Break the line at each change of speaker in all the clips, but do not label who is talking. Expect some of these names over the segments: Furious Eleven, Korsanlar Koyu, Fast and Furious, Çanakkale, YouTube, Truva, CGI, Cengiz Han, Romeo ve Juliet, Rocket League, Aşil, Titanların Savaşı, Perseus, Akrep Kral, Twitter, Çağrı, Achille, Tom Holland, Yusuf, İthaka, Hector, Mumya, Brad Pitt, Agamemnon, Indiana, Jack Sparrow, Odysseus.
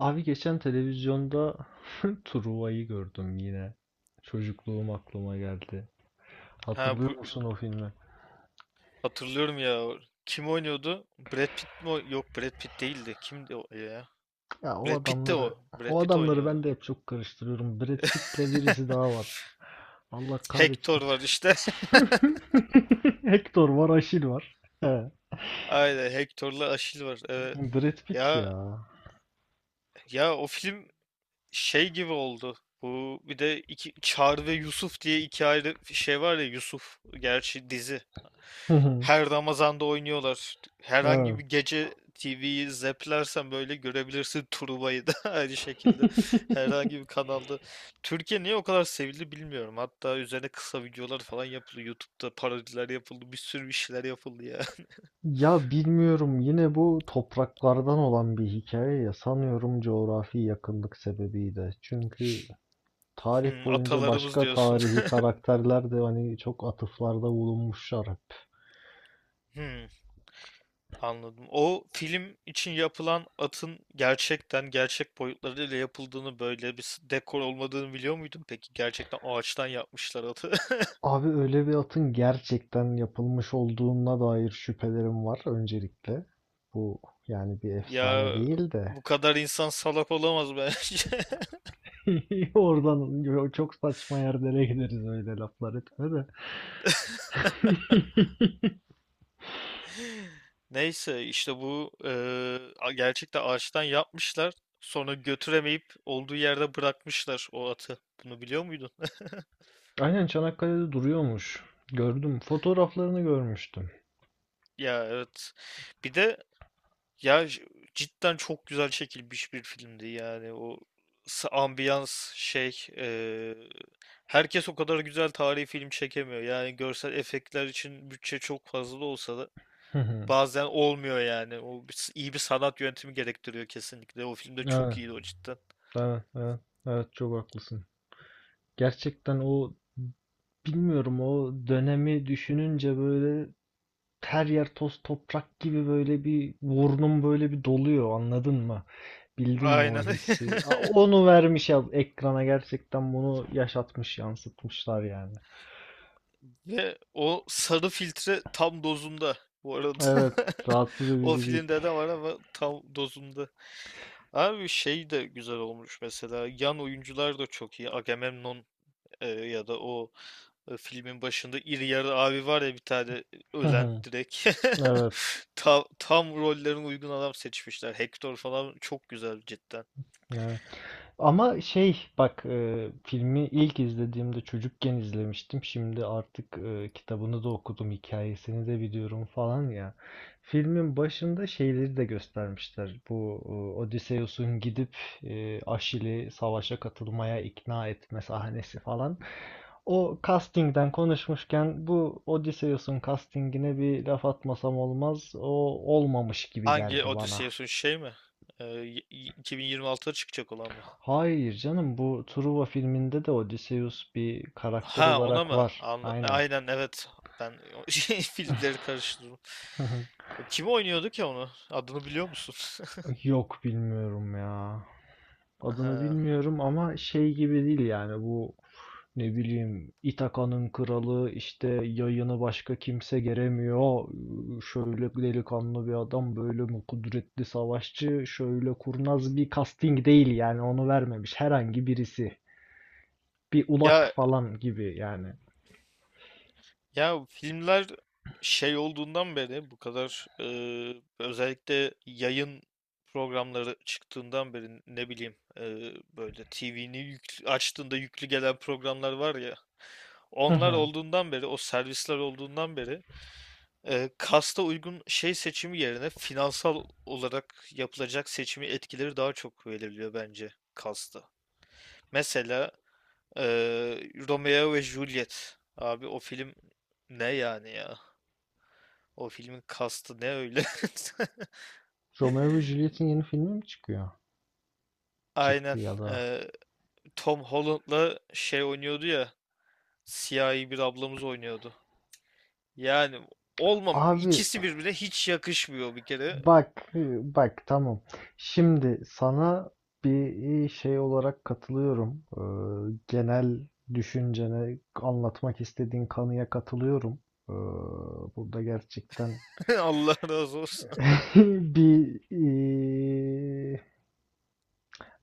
Abi geçen televizyonda Truva'yı gördüm yine. Çocukluğum aklıma geldi.
Ha,
Hatırlıyor
bu
musun o filmi?
hatırlıyorum ya. Kim oynuyordu? Brad Pitt mi? Yok, Brad Pitt değildi. Kimdi o ya?
Ya
Brad Pitt de o. Brad
o
Pitt
adamları
oynuyordu.
ben de hep çok karıştırıyorum. Brad Pitt'le birisi daha var. Allah
Hector
kahretsin.
var işte.
Hector var, Aşil var. He.
Aynen, Hector'la Achille var. Evet.
Brad Pitt ya.
Ya ya o film şey gibi oldu. Bu bir de iki, Çağrı ve Yusuf diye iki ayrı şey var ya, Yusuf gerçi dizi. Her Ramazan'da oynuyorlar. Herhangi
Evet.
bir gece TV'yi zeplersen böyle görebilirsin Truva'yı da, aynı şekilde. Herhangi bir kanalda. Türkiye niye o kadar sevildi bilmiyorum. Hatta üzerine kısa videolar falan yapıldı. YouTube'da parodiler yapıldı. Bir sürü bir şeyler yapıldı ya.
Ya bilmiyorum, yine bu topraklardan olan bir hikaye ya, sanıyorum coğrafi yakınlık sebebiyle. Çünkü tarih
Hmm,
boyunca
atalarımız
başka
diyorsun.
tarihi karakterler de hani çok atıflarda bulunmuşlar hep.
Hmm. Anladım. O film için yapılan atın gerçekten gerçek boyutlarıyla yapıldığını, böyle bir dekor olmadığını biliyor muydun peki? Gerçekten ağaçtan yapmışlar atı.
Abi öyle bir atın gerçekten yapılmış olduğuna dair şüphelerim var öncelikle. Bu, yani bir efsane
Ya,
değil de.
bu kadar insan salak olamaz bence.
Oradan çok saçma yerlere gideriz, öyle laflar etme de.
Neyse işte bu gerçekten ağaçtan yapmışlar. Sonra götüremeyip olduğu yerde bırakmışlar o atı. Bunu biliyor muydun?
Aynen, Çanakkale'de duruyormuş. Gördüm. Fotoğraflarını görmüştüm.
Ya, evet. Bir de Ya j- cidden çok güzel çekilmiş bir filmdi yani. O ambiyans şey, herkes o kadar güzel tarihi film çekemiyor yani. Görsel efektler için bütçe çok fazla da olsa da bazen olmuyor yani. O bir iyi bir sanat yönetimi gerektiriyor kesinlikle, o filmde çok
Evet,
iyiydi o cidden.
evet, evet, evet, çok haklısın. Gerçekten o Bilmiyorum, o dönemi düşününce böyle her yer toz toprak gibi, böyle bir burnum böyle bir doluyor, anladın mı? Bildin mi o
Aynen.
hissi? Onu vermiş ya ekrana, gerçekten bunu yaşatmış, yansıtmışlar yani.
Ve o sarı filtre tam dozunda bu arada.
Evet, rahatsız
O
edici değil.
filmde de var ama tam dozunda. Abi şey de güzel olmuş mesela. Yan oyuncular da çok iyi. Agamemnon, ya da o, filmin başında iri yarı abi var ya bir tane, ölen direkt.
Evet,
Tam rollerin uygun adam seçmişler. Hector falan çok güzel cidden.
evet. Ama şey bak, filmi ilk izlediğimde çocukken izlemiştim. Şimdi artık kitabını da okudum, hikayesini de biliyorum falan ya. Filmin başında şeyleri de göstermişler. Bu Odysseus'un gidip Aşil'i savaşa katılmaya ikna etme sahnesi falan. O castingden konuşmuşken bu Odysseus'un castingine bir laf atmasam olmaz. O olmamış gibi
Hangi
geldi bana.
Odysseus'un, şey mi? 2026'da çıkacak olan mı?
Hayır canım, bu Truva filminde de Odysseus bir karakter
Ha, ona
olarak
mı?
var.
Anla
Aynen.
aynen, evet. Ben o şey, filmleri karıştırdım. O kim oynuyordu ki onu? Adını biliyor musun?
Yok, bilmiyorum ya. Adını
Ha.
bilmiyorum ama şey gibi değil yani, bu ne bileyim, İthaka'nın kralı, işte yayını başka kimse geremiyor. Şöyle delikanlı bir adam, böyle mi kudretli savaşçı, şöyle kurnaz bir casting değil yani, onu vermemiş herhangi birisi. Bir ulak
Ya
falan gibi yani.
ya filmler şey olduğundan beri bu kadar, özellikle yayın programları çıktığından beri, ne bileyim, böyle TV'ni yüklü, açtığında yüklü gelen programlar var ya. Onlar olduğundan beri, o servisler olduğundan beri, kasta uygun şey seçimi yerine finansal olarak yapılacak seçimi etkileri daha çok belirliyor bence kasta. Mesela Romeo ve Juliet. Abi o film ne yani ya? O filmin kastı ne öyle?
Romeo ve Juliet'in yeni filmi mi çıkıyor? Çıktı
Aynen.
ya da.
eee, Tom Holland'la şey oynuyordu ya. Siyahi bir ablamız oynuyordu. Yani olmam.
Abi,
İkisi birbirine hiç yakışmıyor bir kere.
bak bak, tamam. Şimdi sana bir şey olarak katılıyorum. Genel düşüncene, anlatmak istediğin kanıya katılıyorum. Ee, burada gerçekten
Allah razı olsun.
bir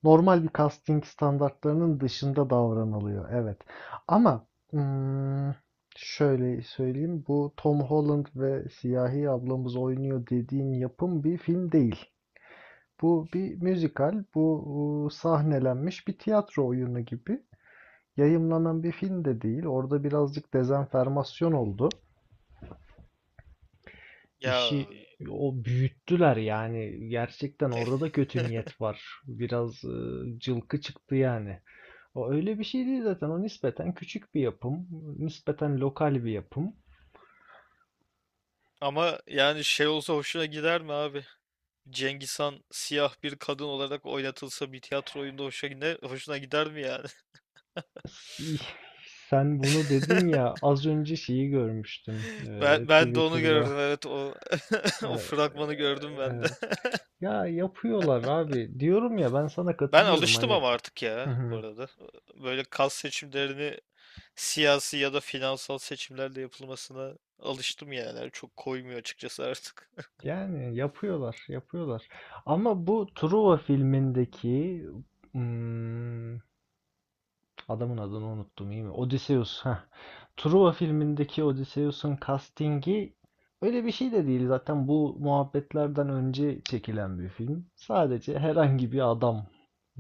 normal bir casting standartlarının dışında davranılıyor. Evet. Ama ım, şöyle söyleyeyim. Bu Tom Holland ve Siyahi ablamız oynuyor dediğin yapım bir film değil. Bu bir müzikal. Bu sahnelenmiş bir tiyatro oyunu gibi. Yayımlanan bir film de değil. Orada birazcık dezenformasyon oldu.
Ya.
İşi o büyüttüler yani. Gerçekten orada da kötü niyet var. Biraz cılkı çıktı yani. O öyle bir şey değil zaten. O nispeten küçük bir yapım. Nispeten lokal bir yapım.
Ama yani şey olsa hoşuna gider mi abi? Cengiz Han siyah bir kadın olarak oynatılsa bir tiyatro oyunda hoşuna gider, hoşuna gider mi yani?
Si- Sen bunu dedin ya, az önce şeyi görmüştüm,
Ben de onu gördüm,
Twitter'da.
evet. O o
Eee,
fragmanı gördüm ben de.
eee, ya yapıyorlar abi. Diyorum ya, ben sana
Ben
katılıyorum
alıştım
hani.
ama artık ya, bu arada. Böyle kas seçimlerini siyasi ya da finansal seçimlerle yapılmasına alıştım yani. Çok koymuyor açıkçası artık.
Yani yapıyorlar, yapıyorlar. Ama bu Truva filmindeki, hmm, adamın adını unuttum, iyi mi? Odysseus. Heh. Truva filmindeki Odysseus'un castingi öyle bir şey de değil. Zaten bu muhabbetlerden önce çekilen bir film. Sadece herhangi bir adam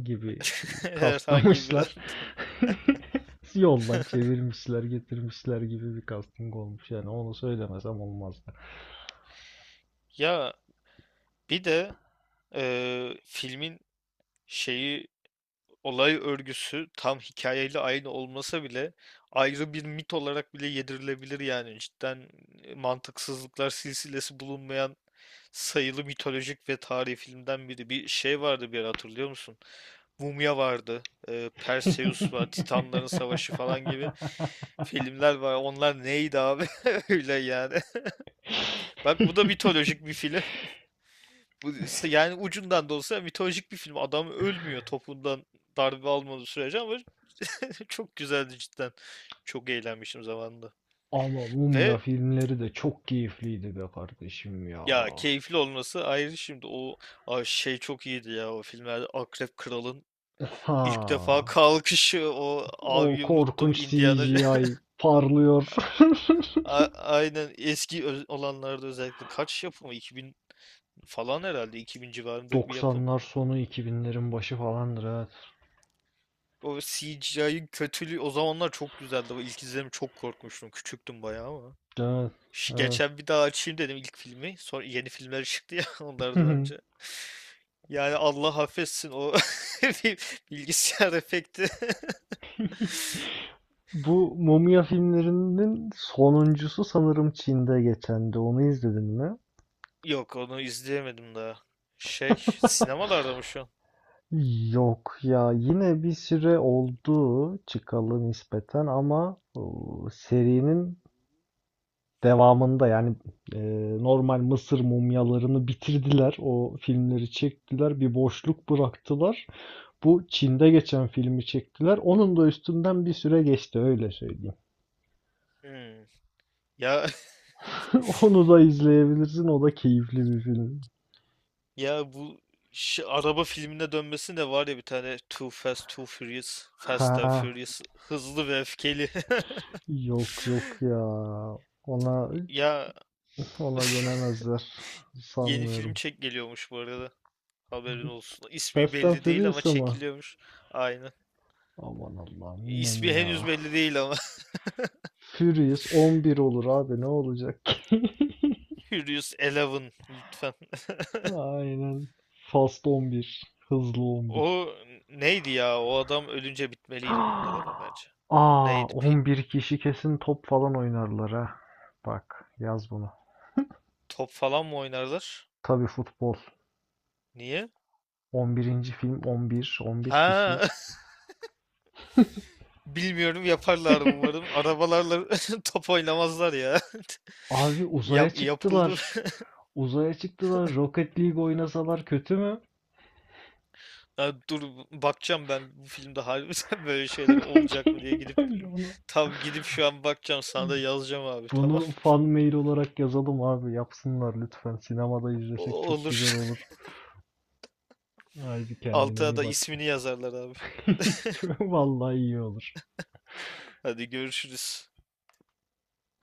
gibi
Herhangi bir
kastlamışlar.
anda.
Yoldan çevirmişler, getirmişler gibi bir casting olmuş. Yani onu söylemesem olmazdı.
Ya, bir de filmin şeyi, olay örgüsü tam hikayeyle aynı olmasa bile ayrı bir mit olarak bile yedirilebilir yani. Cidden mantıksızlıklar silsilesi bulunmayan sayılı mitolojik ve tarihi filmden biri. Bir şey vardı bir ara, hatırlıyor musun? Mumya vardı, Perseus var, Titanların Savaşı falan gibi filmler var. Onlar neydi abi? Öyle yani. Bak, bu da mitolojik bir film. Bu, yani ucundan da olsa mitolojik bir film. Adam ölmüyor topundan darbe almadığı sürece, ama çok güzeldi cidden. Çok eğlenmişim zamanında.
Ama Mumya
Ve
filmleri de çok keyifliydi be kardeşim ya.
ya keyifli olması ayrı şimdi. O ay şey çok iyiydi ya, o filmlerde Akrep Kral'ın ilk defa
Ha.
kalkışı, o
O
abiyi unuttum,
korkunç
Indiana.
CGI parlıyor.
Aynen, eski olanlarda özellikle. Kaç yapımı, 2000 falan herhalde, 2000 civarında bir yapım.
90'lar sonu 2000'lerin başı falandır, evet.
O CGI'ın kötülüğü o zamanlar çok güzeldi. O ilk izlediğim çok korkmuştum. Küçüktüm bayağı ama.
Evet,
Şu
evet.
geçen bir daha açayım dedim ilk filmi. Sonra yeni filmler çıktı ya, onlardan önce. Yani Allah affetsin o bir bilgisayar efekti.
Bu mumya filmlerinin sonuncusu sanırım Çin'de geçendi. Onu izledin mi?
Yok, onu izleyemedim daha. Şey, sinemalarda mı şu an?
Yok ya, yine bir süre oldu çıkalı nispeten ama o, serinin devamında yani e, normal Mısır mumyalarını bitirdiler. O filmleri çektiler. Bir boşluk bıraktılar. Bu Çin'de geçen filmi çektiler. Onun da üstünden bir süre geçti, öyle söyleyeyim.
Hmm. Ya
Onu da izleyebilirsin. O da keyifli bir film.
ya bu, şu araba filmine dönmesi de var ya bir tane, Too Fast Too Furious, Fast and
Ha,
Furious, hızlı ve öfkeli.
yok yok ya. Ona
Ya,
ona dönemezler.
yeni film
Sanmıyorum.
çek geliyormuş bu arada. Haberin olsun. İsmi
Fast and
belli değil ama
Furious'a mı?
çekiliyormuş. Aynen.
Aman Allah'ım, yine mi
İsmi henüz
ya?
belli değil ama.
Furious 11 olur abi, ne olacak ki?
Furious Eleven lütfen.
Aynen. Fast 11. Hızlı 11.
O neydi ya? O adam ölünce bitmeliydi bunlar ama bence.
Aa,
Neydi?
11 kişi kesin top falan oynarlar ha. Bak, yaz bunu.
Top falan mı oynarlar?
Tabii, futbol.
Niye?
11. film, 11. 11 kişi.
Ha, bilmiyorum, yaparlar umarım. Arabalarla top oynamazlar ya.
Abi uzaya
Yap, yapıldı.
çıktılar. Uzaya çıktılar. Rocket League oynasalar kötü mü?
Ha, dur bakacağım ben bu filmde harbiden böyle şeyler olacak mı diye, gidip
Öyle ona.
tam gidip şu an bakacağım, sana da yazacağım abi, tamam.
Bunu fan mail olarak yazalım abi. Yapsınlar lütfen. Sinemada izlesek çok güzel
Olur.
olur. Haydi kendine
Altına
iyi
da
bak.
ismini yazarlar abi.
Vallahi iyi olur.
Hadi görüşürüz.